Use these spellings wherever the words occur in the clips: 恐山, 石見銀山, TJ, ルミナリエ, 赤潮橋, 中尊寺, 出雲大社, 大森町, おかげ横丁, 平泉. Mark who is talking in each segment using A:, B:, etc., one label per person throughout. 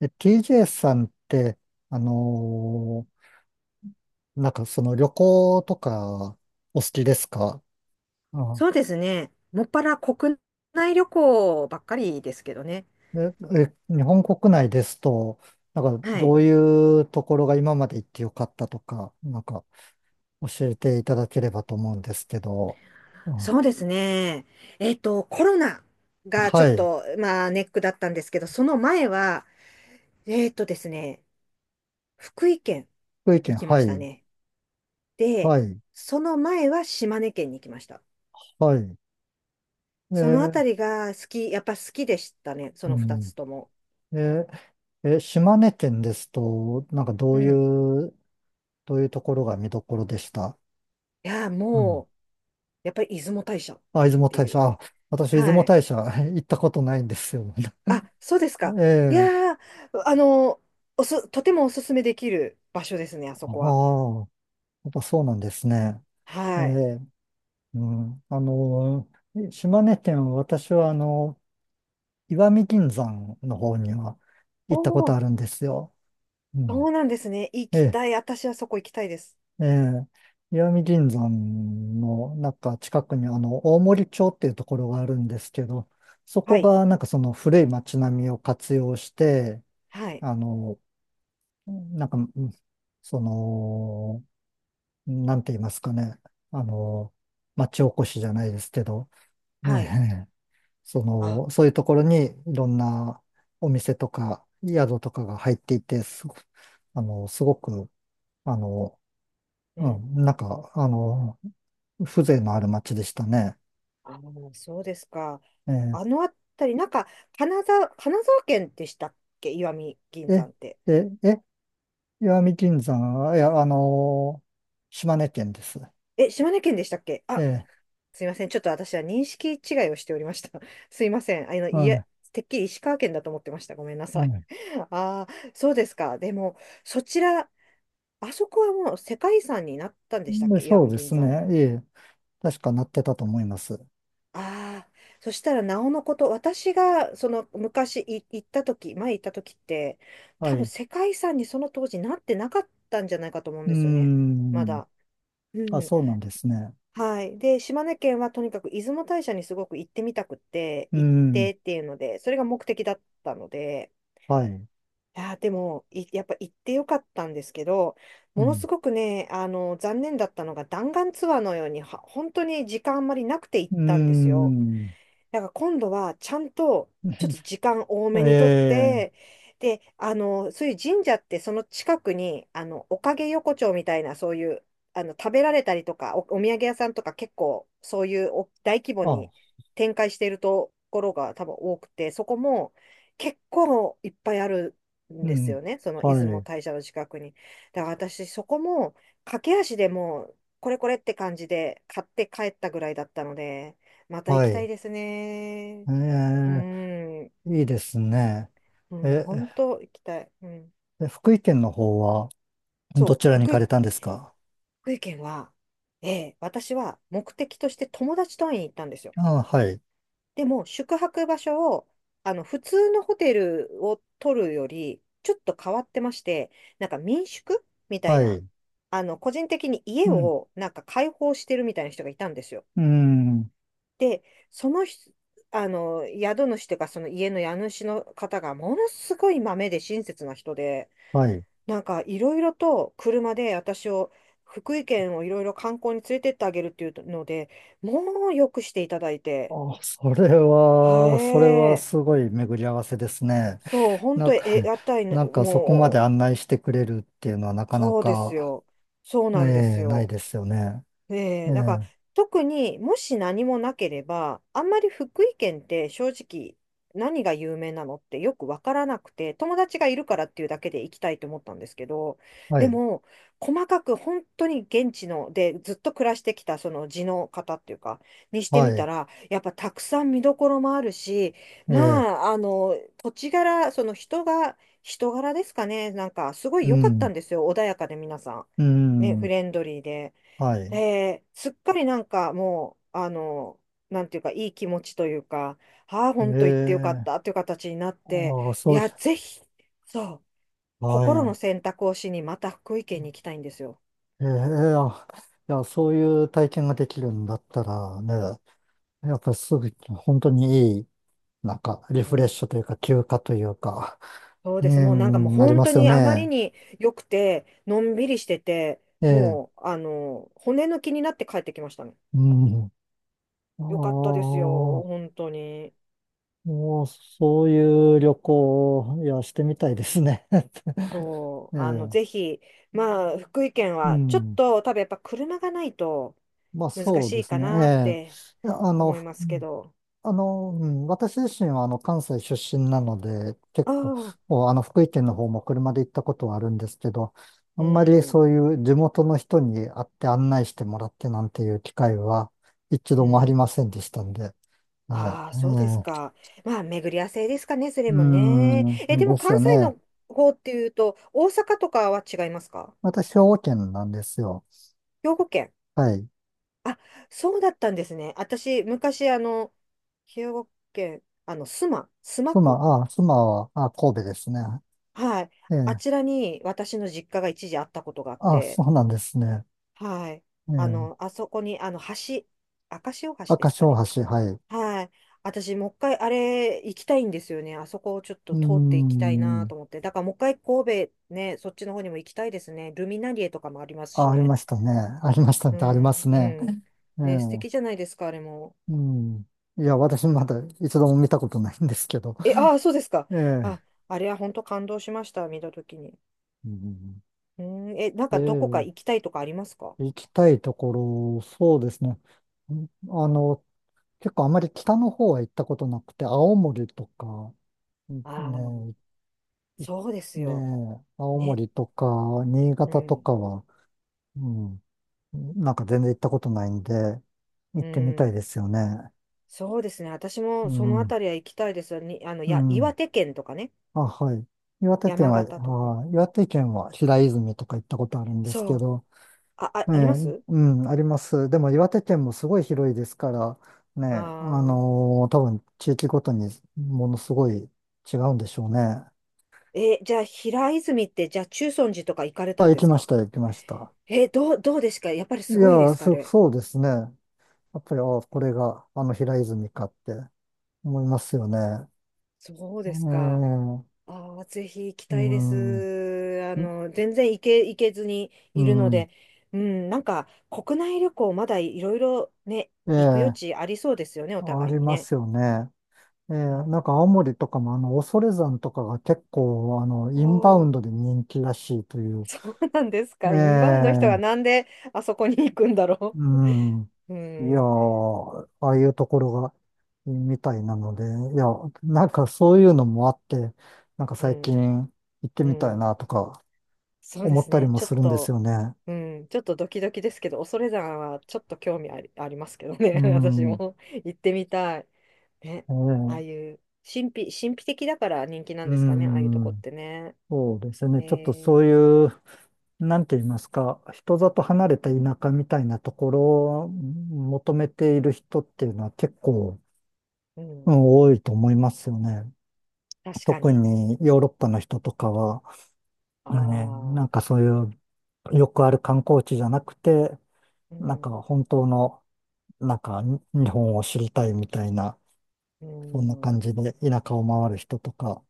A: TJ さんって、あのなんかその旅行とかお好きですか？あ、
B: そうですね。もっぱら国内旅行ばっかりですけどね。
A: え、日本国内ですと、なんか
B: は
A: ど
B: い。
A: ういうところが今まで行ってよかったとか、なんか教えていただければと思うんですけど。あ、
B: そうですね。コロナがちょ
A: は
B: っ
A: い。
B: と、まあ、ネックだったんですけど、その前は、えっとですね、福井県
A: 福井
B: に
A: 県、
B: 来ま
A: は
B: した
A: い。
B: ね。で、
A: はい。
B: その前は島根県に来ました。
A: はい。え
B: そのあた
A: ー
B: りが好き、やっぱ好きでしたね。そ
A: う
B: の二
A: ん。
B: つとも。
A: え島根県ですと、なんかど
B: う
A: うい
B: ん。
A: う、どういうところが見どころでした？
B: いや、もう、やっぱり出雲大社っ
A: あ、出雲
B: て
A: 大
B: い
A: 社。
B: う。
A: あ、私、出
B: は
A: 雲
B: い。
A: 大社 行ったことないんですよ。
B: あ、そうですか。
A: え
B: い
A: え。
B: やー、あの、とてもおすすめできる場所ですね、あそ
A: あ
B: こは。
A: あ、やっぱそうなんですね。え
B: はい。
A: え。うん。あの、島根県は私は、あの、石見銀山の方には
B: お
A: 行ったこと
B: お、
A: あるんですよ。う
B: そ
A: ん。
B: うなんですね。行
A: え
B: き
A: え。
B: たい。私はそこ行きたいです。
A: ええ。石見銀山の、なんか近くに、あの、大森町っていうところがあるんですけど、そ
B: は
A: こ
B: い。
A: が、なんかその古い町並みを活用して、
B: はい。
A: あの、なんか、うん、その、なんて言いますかね。あの、町おこしじゃないですけど、
B: はい。
A: ねえ、そ
B: あ、
A: の、そういうところにいろんなお店とか宿とかが入っていて、すご、あの、すごく、あの、
B: う
A: う
B: ん。
A: ん、なんか、あの、風情のある町でしたね。
B: そうですか。
A: ええ、
B: あのあたり、なんか、金沢県でしたっけ石見銀
A: え、
B: 山って。
A: え、え、石見銀山、いや、あの、島根県です。
B: え、島根県でしたっけ
A: え
B: あ、
A: え、
B: すいません。ちょっと私は認識違いをしておりました。すいません。いや
A: は
B: てっきり石川県だと思ってました。ごめんな
A: い、
B: さい。
A: はい。
B: ああ、そうですか。でも、そちら、あそこはもう世界遺産になったんでしたっ
A: で、
B: け石
A: そう
B: 見
A: で
B: 銀
A: す
B: 山。
A: ね。ええ、確かなってたと思います。
B: ああ、そしたらなおのこと、私がその昔行った時、前行った時って、
A: は
B: 多
A: い。
B: 分
A: う
B: 世界遺産にその当時なってなかったんじゃないかと思うん
A: ー
B: ですよね。ま
A: ん。
B: だ。う
A: あ、
B: ん。
A: そうなんですね。
B: はい。で、島根県はとにかく出雲大社にすごく行ってみたくって、
A: うー
B: 行っ
A: ん。
B: てっていうので、それが目的だったので、
A: はい。
B: いやー、でも、いやっぱ行ってよかったんですけど、
A: う
B: もの
A: ん。
B: すごくね、残念だったのが弾丸ツアーのように、は本当に時間あんまりなくて行っ
A: うー
B: たんですよ。
A: ん。
B: だから今度はちゃんとちょっと時間多 めにとっ
A: ええ、
B: て、で、そういう神社ってその近くに、おかげ横丁みたいなそういう、食べられたりとか、お土産屋さんとか結構そういうお大規模
A: あ、
B: に展開しているところが多分多くて、そこも結構いっぱいあるん
A: う
B: です
A: ん。
B: よね。その出
A: は
B: 雲
A: い。
B: 大社の近くに。だから私そこも駆け足でもうこれこれって感じで買って帰ったぐらいだったので、また行
A: は
B: きたい
A: い。
B: ですね。
A: え
B: う
A: え、
B: ん、
A: いいですね。
B: うん、
A: え、
B: 本当行きたい。うん、
A: え福井県の方はど
B: そ
A: ちら
B: う、
A: に行
B: 福
A: か
B: 井、
A: れたんですか？
B: 福井県は、ええ、私は目的として友達と会いに行ったんですよ。
A: ああ、はい。
B: でも、宿泊場所を、普通のホテルを取るより、ちょっと変わってまして、なんか民宿みたい
A: は
B: な、
A: い。
B: 個人的に家
A: うん。
B: をなんか開放してるみたいな人がいたんですよ。
A: うん。
B: で、その人、宿主というか、その家の家主の方がものすごい豆で親切な人で、
A: はい。
B: なんかいろいろと車で私を、福井県をいろいろ観光に連れてってあげるっていうので、もうよくしていただいて、
A: あ、それ
B: は
A: は、それは
B: え
A: すごい巡り合わせですね。
B: そう、本
A: なん
B: 当に
A: か、
B: え、屋台の、
A: なんかそこまで
B: も
A: 案内してくれるっていうのはな
B: う、
A: かな
B: そうです
A: か、
B: よ。そうなんです
A: ねえ、ない
B: よ。
A: ですよね。
B: え
A: え
B: え、だから
A: え、
B: 特にもし何もなければ、あんまり福井県って正直何が有名なのってよくわからなくて、友達がいるからっていうだけで行きたいと思ったんですけど、
A: は
B: で
A: い、
B: も細かく本当に現地のでずっと暮らしてきたその地の方っていうか、にして
A: は
B: みた
A: い、
B: ら、やっぱたくさん見どころもあるし、
A: え
B: ま
A: え、
B: あ、土地柄、その人が、人柄ですかね、なんかすごい
A: う
B: 良かった
A: ん、
B: んですよ、穏やかで皆さん。
A: う
B: ね、フ
A: ん、
B: レンドリーで。
A: はい。
B: で、すっかりなんかもう、なんていうか、いい気持ちというか、ああ、
A: え
B: 本当行ってよかっ
A: え、
B: たという形になって、
A: ああ、
B: い
A: そう、
B: や、ぜひ、そう、
A: は
B: 心の
A: い。
B: 選択をしに、また福井県に行きたいんですよ。
A: ええ、あいや、そういう体験ができるんだったらね、やっぱりすぐ、本当にいい、なんか、リ
B: う
A: フレッ
B: ん。
A: シュというか、休暇というか、
B: そう
A: ええ、
B: です。もうなんかもう
A: なり
B: 本
A: ま
B: 当
A: すよ
B: にあまり
A: ね。
B: に良くて、のんびりしてて、
A: ええ、
B: もう、骨抜きになって帰ってきましたね。
A: うん。
B: よかった
A: あ
B: ですよ、
A: あ。
B: 本当に。
A: もう、そういう旅行を、いや、してみたいですね。
B: そ
A: ええ、
B: う、ぜひ、まあ、福井県
A: う
B: は、ちょっ
A: ん。
B: と、多分やっぱ車がないと、
A: まあ、
B: 難
A: そう
B: し
A: で
B: い
A: す
B: か
A: ね。
B: なっ
A: え
B: て
A: え。いや、あの、
B: 思いますけど。
A: あの、うん、私自身は、あの、関西出身なので、結
B: あ
A: 構、
B: あ、
A: もう、あの、福井県の方も車で行ったことはあるんですけど、あん
B: う
A: まり
B: ん、
A: そういう地元の人に会って案内してもらってなんていう機会は一
B: う
A: 度もあり
B: ん。
A: ませんでしたんで。ええ、
B: ああ、そうです
A: ええ、
B: か。まあ、巡り合わせですかね、それ
A: う
B: もね。え、
A: ん、
B: でも
A: です
B: 関
A: よ
B: 西
A: ね。
B: の方っていうと、大阪とかは違いますか？
A: 私、兵庫県なんですよ。
B: 兵庫県。
A: はい。
B: あ、そうだったんですね。私、昔、兵庫県、須磨
A: 妻、
B: 区。
A: あ、妻は、あ、神戸ですね。
B: はい。
A: え
B: あ
A: え。
B: ちらに私の実家が一時あったことがあっ
A: あ、
B: て、
A: そうなんですね。
B: はい。
A: ええ。
B: あそこに、橋、赤潮橋で
A: 赤
B: すか
A: 潮
B: ね。
A: 橋、はい。う
B: はい。私、もう一回あれ行きたいんですよね。あそこをちょっ
A: ー
B: と通っていきたいな
A: ん。
B: と思って。だからもう一回神戸ね、そっちの方にも行きたいですね。ルミナリエとかもありますし
A: あ、あり
B: ね。
A: ましたね。ありましたね。
B: う
A: あります
B: ん、
A: ね。
B: うん。
A: え
B: ね、素
A: え。
B: 敵じゃないですか、あれも。
A: うん。いや、私まだ一度も見たことないんですけど。
B: え、ああ、そうですか。
A: ええ。
B: あ、あれは本当感動しました、見たときに。
A: うん、
B: うん、え、なん
A: え
B: かどこか
A: え。
B: 行きたいとかありますか？
A: 行きたいところ、そうですね。あの、結構あまり北の方は行ったことなくて、青森とか、
B: ああ
A: ね、
B: そうです
A: ね
B: よ。
A: え、青
B: ね。
A: 森とか新
B: う
A: 潟と
B: ん、
A: かは、うん、なんか全然行ったことないんで、行っ
B: う
A: てみたい
B: ん。
A: ですよね。
B: そうですね。私も
A: う
B: そのあ
A: ん、
B: たりは行きたいですよ。に、
A: う
B: 岩
A: ん。
B: 手県とかね。
A: あ、はい。岩手県
B: 山
A: は、
B: 形とか。
A: あ岩手県は平泉とか行ったことあるんですけ
B: そう。
A: ど、ええ、
B: あります
A: うん、あります。でも岩手県もすごい広いですから、ねえ、
B: ああ
A: 多分地域ごとにものすごい違うんでしょうね。
B: ー。え、じゃあ、平泉って、じゃあ、中尊寺とか行かれた
A: あ、
B: ん
A: 行
B: で
A: き
B: す
A: まし
B: か？
A: た、行きました。
B: え、どうですか？やっぱり
A: い
B: すごいで
A: や、
B: すかあれ。
A: そうですね。やっぱり、ああ、これがあの平泉かって思いますよね。
B: そうですか。
A: ええ、
B: ああ、ぜひ行き
A: う
B: たいで
A: ん、
B: す。あの、全然行け、行けずに
A: う
B: いるの
A: ん、
B: で、うん、なんか、国内旅行、まだいろいろね、行く余
A: ええ、
B: 地ありそうですよね、お
A: あ
B: 互い
A: り
B: に
A: ま
B: ね。
A: すよね。ええ、
B: うん、
A: なんか青森とかもあの、恐山とかが結構あの、
B: お
A: インバウン
B: お、
A: ドで人気らしいとい う。
B: そうなんです
A: え
B: か。インバウンドの人が
A: え、
B: なんであそこに行くんだろ
A: うん。
B: う。う
A: いや
B: ん、
A: ー、ああいうところが、みたいなので、いや、なんかそういうのもあって、なんか
B: う
A: 最
B: ん、
A: 近行って
B: う
A: みたい
B: ん。
A: なとか
B: そうで
A: 思っ
B: す
A: たり
B: ね。
A: も
B: ちょっ
A: するんです
B: と、
A: よね。
B: うん、ちょっとドキドキですけど、恐山はちょっと興味あり、ありますけど
A: う
B: ね。私
A: ん、
B: も行ってみたい。ね。
A: ええ、
B: ああいう、神秘的だから人気なん
A: う
B: ですかね。ああいうとこっ
A: ん、
B: てね。
A: そうですね。
B: え
A: ちょっとそう
B: ー、
A: いう、なんて言いますか、人里離れた田舎みたいなところを求めている人っていうのは結構、
B: うん。
A: うん、多いと思いますよね。
B: 確か
A: 特
B: に。
A: にヨーロッパの人とかは、
B: あ
A: ね、なん
B: あ、
A: かそういうよくある観光地じゃなくて、
B: う
A: なんか
B: ん、
A: 本当の、なんかに日本を知りたいみたいな、
B: う
A: そんな感
B: ん、
A: じで田舎を回る人とか、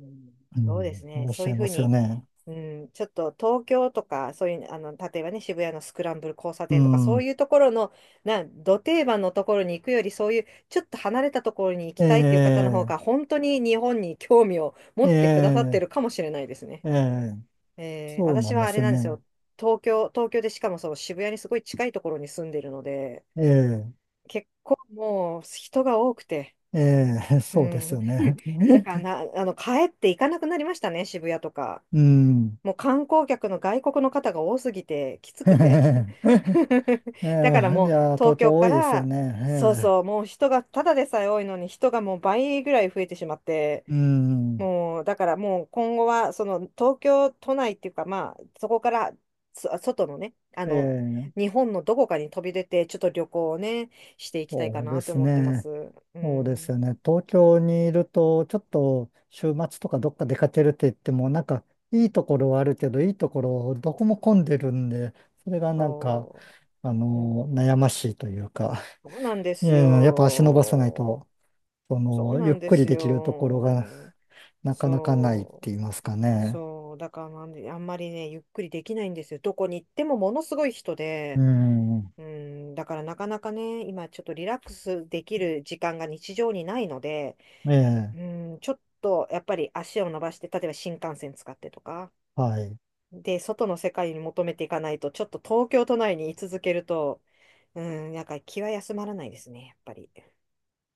B: うん。
A: う
B: そうです
A: ん、い
B: ね。
A: らっ
B: そ
A: し
B: うい
A: ゃい
B: うふ
A: ま
B: う
A: すよ
B: に、
A: ね。
B: うん、ちょっと東京とか、そういう、例えばね、渋谷のスクランブル交差
A: う
B: 点とか、そう
A: ん。
B: いうところの、な、ど定番のところに行くより、そういう、ちょっと離れたところに行き
A: え
B: たいっていう方の方
A: え、
B: が、本当に日本に興味を持
A: え
B: ってくださって
A: え、
B: るかもしれないですね。
A: ええ、
B: えー、
A: そうな
B: 私
A: んで
B: はあれ
A: す
B: なんです
A: ね。
B: よ。東京でしかもその渋谷にすごい近いところに住んでるので、
A: ええ、
B: 結構もう人が多くて、
A: ええ、
B: う
A: そうです
B: ん。
A: よね。
B: だから な、帰って行かなくなりましたね、渋谷とか。
A: うん。
B: もう観光客の外国の方が多すぎて、きつくて。
A: え
B: だから
A: え、い
B: もう
A: や、東
B: 東京
A: 京多
B: か
A: いですよ
B: ら、
A: ね。
B: そう
A: ええ、
B: そう、もう人がただでさえ多いのに人がもう倍ぐらい増えてしまって、
A: うん。
B: もうだからもう今後はその東京都内っていうかまあそこからそ外のね、
A: ええ、
B: 日本のどこかに飛び出てちょっと旅行をね、していきたいか
A: そうで
B: なと
A: す
B: 思ってま
A: ね。
B: す。う
A: そうです
B: ん、
A: よね。東京にいると、ちょっと週末とかどっか出かけるって言っても、なんか、いいところはあるけど、いいところどこも混んでるんで、それがなんか、
B: そ
A: あ
B: う、う
A: の、
B: ん、
A: 悩ましいというか。
B: そうなんで
A: い
B: す
A: やいや、やっぱ足伸ばさない
B: よ。
A: と、そ
B: そう
A: の、
B: な
A: ゆっ
B: んで
A: くり
B: す
A: できるところが
B: よ。
A: なかなかないっ
B: そ
A: て言
B: う。
A: いますかね。
B: そう。だからなんで、あんまりね、ゆっくりできないんですよ。どこに行ってもものすごい人
A: う
B: で、
A: ん。
B: うん、だからなかなかね、今ちょっとリラックスできる時間が日常にないので、
A: ええ、
B: うん、ちょっとやっぱり足を伸ばして、例えば新幹線使ってとか、
A: はい。
B: で、外の世界に求めていかないと、ちょっと東京都内に居続けると、うん、なんか気は休まらないですね、やっぱり。